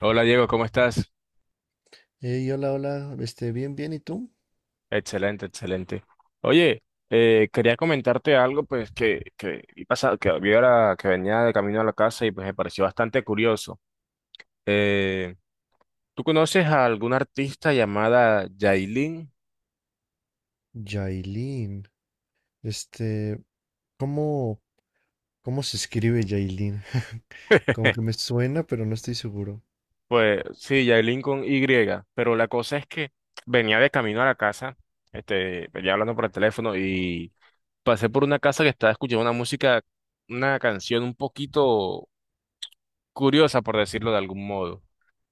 Hola Diego, ¿cómo estás? Hey, hola, hola, bien, bien, ¿y tú? Excelente, excelente. Oye, quería comentarte algo pues que vi ahora que venía de camino a la casa y pues me pareció bastante curioso. Eh, ¿Tú conoces a alguna artista llamada Yailin? Yailin, este, ¿cómo, cómo se escribe Yailin? Como que me suena, pero no estoy seguro. Pues sí, Yailin con Y, pero la cosa es que venía de camino a la casa, venía hablando por el teléfono y pasé por una casa que estaba escuchando una música, una canción un poquito curiosa, por decirlo de algún modo.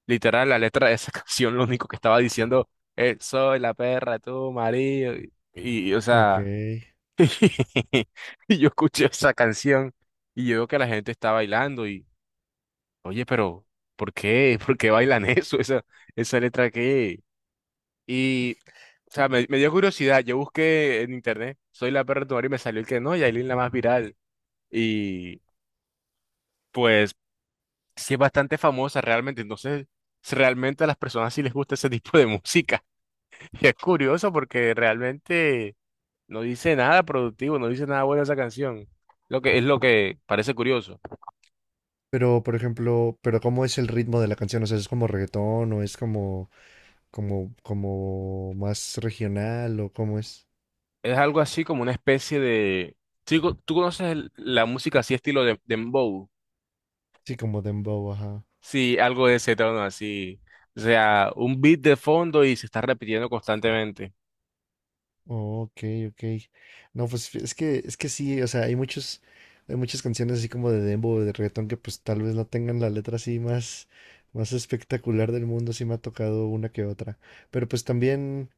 Literal, la letra de esa canción lo único que estaba diciendo es, soy la perra, tú, marido. O Ok. sea, y yo escuché esa canción y yo veo que la gente está bailando y, oye, pero, ¿por qué? ¿Por qué bailan eso? Esa letra que... Y, o sea, me dio curiosidad. Yo busqué en internet, soy la perra, de tu marido, y me salió el que no, Yailin la más viral. Y, pues, sí es bastante famosa realmente. Entonces, realmente a las personas sí les gusta ese tipo de música. Y es curioso porque realmente no dice nada productivo, no dice nada bueno esa canción. Lo que es lo que parece curioso. Pero, por ejemplo, pero ¿cómo es el ritmo de la canción? O sea, ¿es como reggaetón o es como más regional o cómo es? Es algo así como una especie de. Sí, ¿tú conoces la música así estilo de dembow? Sí, como dembow, ajá. Sí, algo de ese tono así. O sea, un beat de fondo y se está repitiendo constantemente. Oh, ok, ok. No, pues es que sí, o sea, hay muchas canciones así como de dembow, de reggaetón que pues tal vez no tengan la letra así más espectacular del mundo. Sí me ha tocado una que otra. Pero pues también,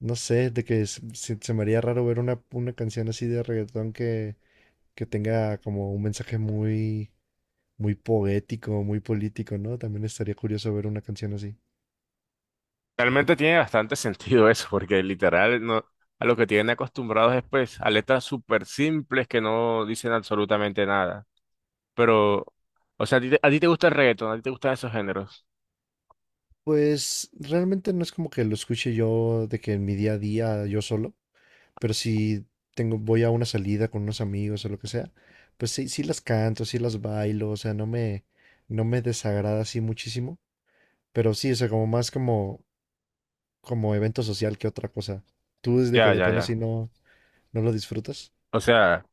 no sé, de que se me haría raro ver una canción así de reggaetón que tenga como un mensaje muy, muy poético, muy político, ¿no? También estaría curioso ver una canción así. Realmente tiene bastante sentido eso, porque literal no, a lo que tienen acostumbrados es pues a letras súper simples que no dicen absolutamente nada. Pero, o sea, a ti te gusta el reggaetón, a ti te gustan esos géneros. Pues realmente no es como que lo escuche yo de que en mi día a día yo solo, pero si tengo, voy a una salida con unos amigos o lo que sea, pues sí, sí las canto, sí las bailo, o sea, no me desagrada así muchísimo, pero sí, o sea, como más como evento social que otra cosa. ¿Tú desde que Ya, de ya, plano así ya. no lo disfrutas? O sea,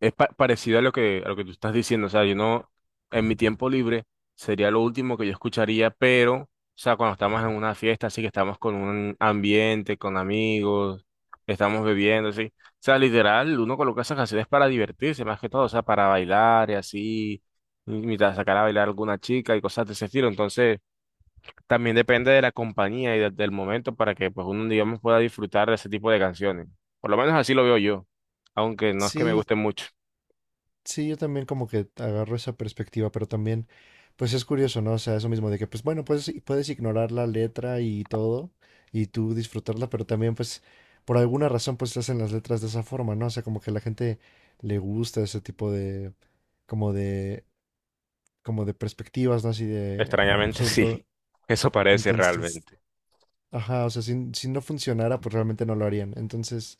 es parecido a a lo que tú estás diciendo. O sea, yo no, en mi tiempo libre sería lo último que yo escucharía, pero, o sea, cuando estamos en una fiesta, así que estamos con un ambiente, con amigos, estamos bebiendo, así. O sea, literal, uno coloca esas canciones para divertirse, más que todo, o sea, para bailar y así, imitar, sacar a bailar a alguna chica y cosas de ese estilo. Entonces... También depende de la compañía y del momento para que pues uno, digamos, pueda disfrutar de ese tipo de canciones. Por lo menos así lo veo yo, aunque no es que me Sí. guste mucho. Sí, yo también como que agarro esa perspectiva, pero también, pues es curioso, ¿no? O sea, eso mismo de que, pues bueno, puedes ignorar la letra y todo, y tú disfrutarla, pero también, pues, por alguna razón, pues se hacen las letras de esa forma, ¿no? O sea, como que a la gente le gusta ese tipo de, como de, como de perspectivas, ¿no? Así de, Extrañamente sobre sí, todo, eso parece entonces, realmente. ajá, o sea, si no funcionara, pues realmente no lo harían. Entonces,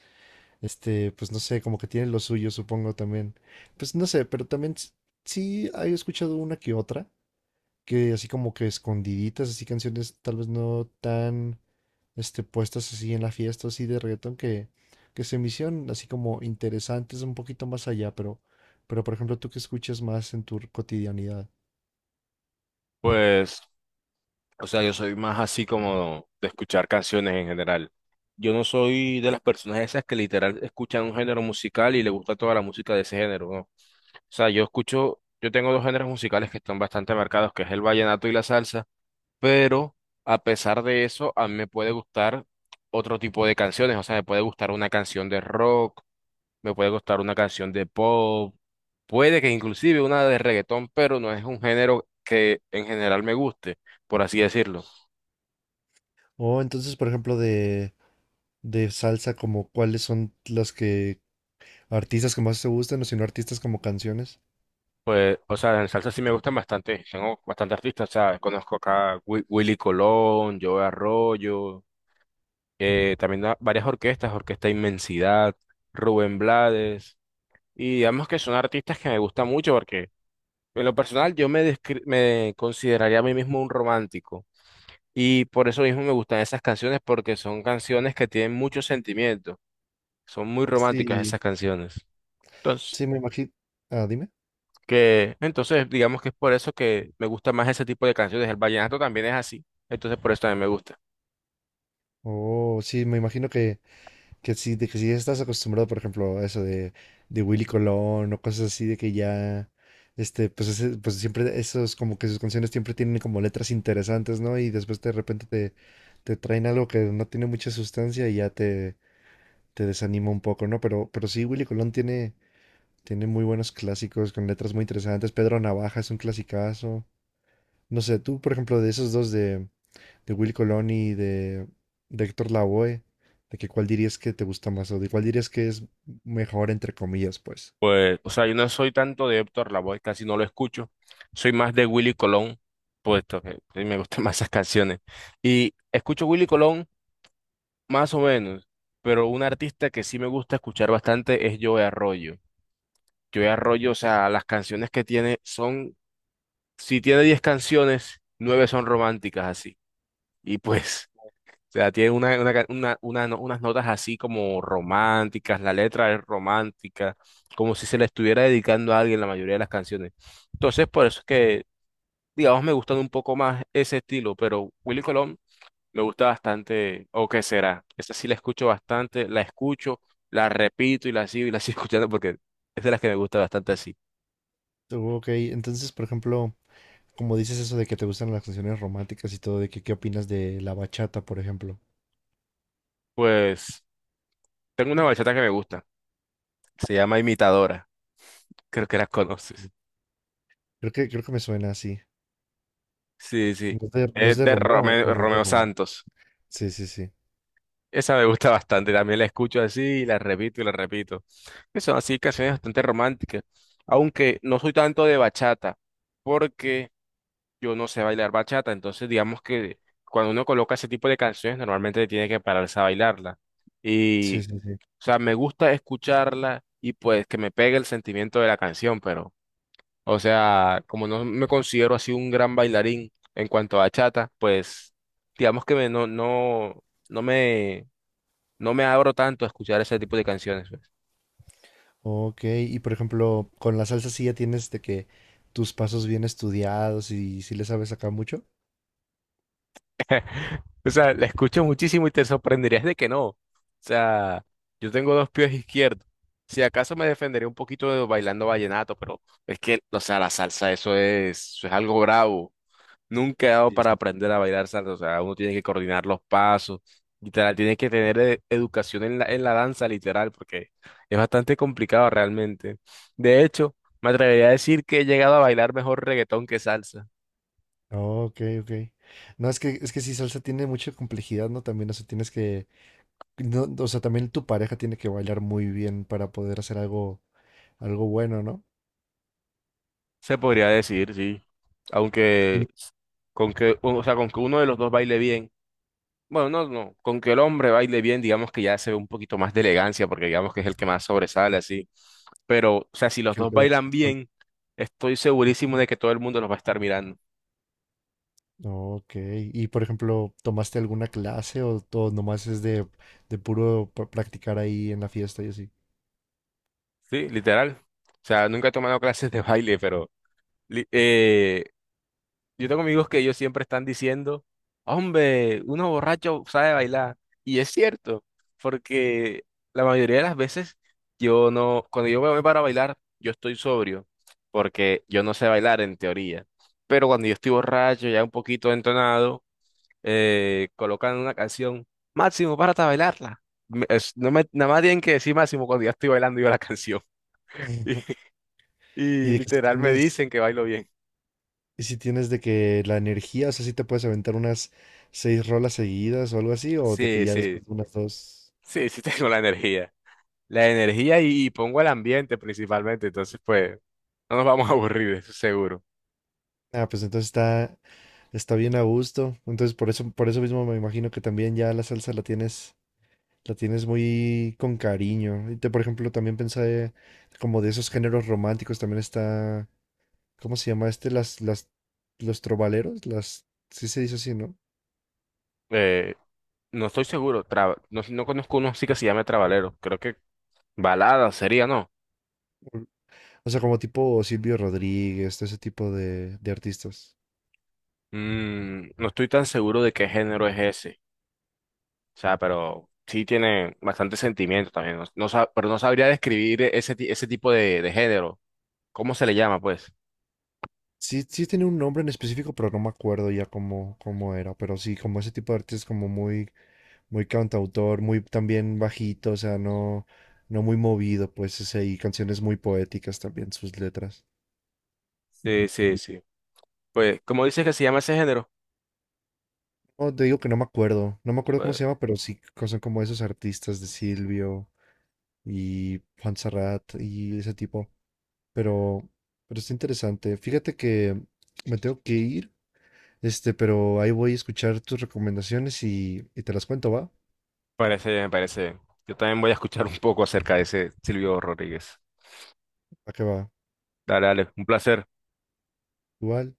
pues no sé, como que tiene lo suyo, supongo también. Pues no sé, pero también sí he escuchado una que otra, que así como que escondiditas, así canciones tal vez no tan, puestas así en la fiesta, así de reggaetón, que se me hicieron así como interesantes un poquito más allá, pero por ejemplo, tú que escuchas más en tu cotidianidad. Pues, o sea, yo soy más así como de escuchar canciones en general. Yo no soy de las personas esas que literal escuchan un género musical y le gusta toda la música de ese género, ¿no? O sea, yo escucho, yo tengo dos géneros musicales que están bastante marcados, que es el vallenato y la salsa. Pero a pesar de eso, a mí me puede gustar otro tipo de canciones, o sea, me puede gustar una canción de rock, me puede gustar una canción de pop, puede que inclusive una de reggaetón, pero no es un género que en general me guste, por así decirlo. O entonces, por ejemplo, de salsa, como cuáles son las que, artistas que más te gustan, o si no artistas como canciones. Pues, o sea, en salsa sí me gustan bastante, tengo bastante artistas, o sea, conozco acá Willy Colón, Joe Arroyo, también varias orquestas, Orquesta Inmensidad, Rubén Blades, y digamos que son artistas que me gustan mucho porque en lo personal, me consideraría a mí mismo un romántico y por eso mismo me gustan esas canciones porque son canciones que tienen mucho sentimiento, son muy románticas Sí. esas canciones. Entonces, Sí, me imagino. Ah, dime. Entonces digamos que es por eso que me gusta más ese tipo de canciones. El vallenato también es así, entonces por eso también me gusta. Oh, sí, me imagino que sí, de que si estás acostumbrado, por ejemplo, a eso de Willy Colón o cosas así, de que ya, pues siempre esos, como que sus canciones siempre tienen como letras interesantes, ¿no? Y después de repente te traen algo que no tiene mucha sustancia y ya te desanima un poco, ¿no? Pero sí, Willy Colón tiene muy buenos clásicos con letras muy interesantes. Pedro Navaja es un clasicazo. No sé, tú, por ejemplo, de esos dos de Will Colón y de Héctor Lavoe, de que cuál dirías que te gusta más o de cuál dirías que es mejor, entre comillas, pues. Pues, o sea, yo no soy tanto de Héctor Lavoe, casi no lo escucho. Soy más de Willy Colón, puesto que me gustan más esas canciones. Y escucho Willy Colón. Más o menos, pero un artista que sí me gusta escuchar bastante es Joe Arroyo. Joe Arroyo, o sea, las canciones que tiene son, si tiene 10 canciones, 9 son románticas así. Y pues, o sea, tiene una ca- una no- unas notas así como románticas, la letra es romántica, como si se le estuviera dedicando a alguien la mayoría de las canciones. Entonces, por eso es que, digamos, me gustan un poco más ese estilo, pero Willy Colón me gusta bastante, o qué será. Esa sí la escucho bastante, la escucho, la repito y la sigo escuchando porque es de las que me gusta bastante así. Ok, entonces, por ejemplo, como dices eso de que te gustan las canciones románticas y todo, de que qué opinas de la bachata, por ejemplo. Pues tengo una bachata que me gusta, se llama Imitadora, creo que la conoces. Creo que me suena así. Sí, sí, ¿No es de, no es es de de Romeo o Romeo, no es de Romeo Romeo? Santos. Sí, sí, sí. Esa me gusta bastante, también la escucho así y la repito y la repito. Que son así canciones bastante románticas, aunque no soy tanto de bachata, porque yo no sé bailar bachata, entonces digamos que cuando uno coloca ese tipo de canciones normalmente tiene que pararse a bailarla. Y, Sí, o sí, sí. sea, me gusta escucharla y pues que me pegue el sentimiento de la canción, pero, o sea, como no me considero así un gran bailarín en cuanto a bachata, pues digamos que no me, no me abro tanto a escuchar ese tipo de canciones pues. Ok, y por ejemplo, con la salsa sí ya tienes de que tus pasos bien estudiados y si le sabes acá mucho. O sea, la escucho muchísimo y te sorprenderías de que no. O sea, yo tengo dos pies izquierdos. Si acaso me defenderé un poquito de bailando vallenato, pero es que, o sea, la salsa, eso es algo bravo. Nunca he dado para aprender a bailar salsa. O sea, uno tiene que coordinar los pasos, literal, tiene que tener educación en en la danza, literal, porque es bastante complicado realmente. De hecho, me atrevería a decir que he llegado a bailar mejor reggaetón que salsa. Ok, ok. No, es que si salsa tiene mucha complejidad, ¿no? También, o sea, tienes que, no, o sea, también tu pareja tiene que bailar muy bien para poder hacer algo, bueno, ¿no? Se podría decir, sí. Aunque Y con que, o sea, con que uno de los dos baile bien. Bueno, no, no, con que el hombre baile bien, digamos que ya se ve un poquito más de elegancia, porque digamos que es el que más sobresale, así. Pero, o sea, si los que el dos que la bailan controla. bien, estoy segurísimo de que todo el mundo los va a estar mirando. Ok, y por ejemplo, ¿tomaste alguna clase o todo nomás es de puro practicar ahí en la fiesta y así? Sí, literal. O sea, nunca he tomado clases de baile, pero li- eh, yo tengo amigos que ellos siempre están diciendo, hombre, uno borracho sabe bailar. Y es cierto, porque la mayoría de las veces yo no, cuando yo me voy para bailar, yo estoy sobrio, porque yo no sé bailar en teoría. Pero cuando yo estoy borracho, ya un poquito entonado, colocan una canción, Máximo, párate a bailarla. Nada más tienen que decir Máximo cuando ya estoy bailando yo la canción. Y, Y y de que si literal me tienes, dicen que bailo bien. y si tienes de que la energía, o sea, si te puedes aventar unas seis rolas seguidas o algo así, o de que Sí, ya sí, después de unas dos. sí, sí tengo la energía. La energía y pongo el ambiente principalmente, entonces pues no nos vamos a aburrir, eso seguro. Ah, pues entonces está. Está bien a gusto. Entonces, por eso, mismo me imagino que también ya la salsa la tienes muy con cariño. Y te, por ejemplo, también pensé como de esos géneros románticos, también está, ¿cómo se llama este? Los trovaleros, sí se dice así, ¿no? Eh, no estoy seguro, no conozco uno así que se llame Trabalero, creo que balada sería, ¿no? O sea, como tipo Silvio Rodríguez, todo ese tipo de artistas. Mm, no estoy tan seguro de qué género es ese, o sea, pero sí tiene bastante sentimiento también, pero no sabría describir ese tipo de género, ¿cómo se le llama pues? Sí, sí tiene un nombre en específico, pero no me acuerdo ya cómo era. Pero sí, como ese tipo de artistas como muy muy cantautor, muy también bajito, o sea, no muy movido, pues, y canciones muy poéticas también, sus letras. Sí, sí, sí. Pues, ¿cómo dices que se llama ese género? No, te digo que no me acuerdo cómo se llama, pero sí son como esos artistas de Silvio y Serrat y ese tipo, pero, pero está interesante. Fíjate que me tengo que ir, pero ahí voy a escuchar tus recomendaciones y te las cuento, ¿va? Parece bien, me parece bien. Yo también voy a escuchar un poco acerca de ese Silvio Rodríguez. ¿A qué va? Dale, dale, un placer. Igual.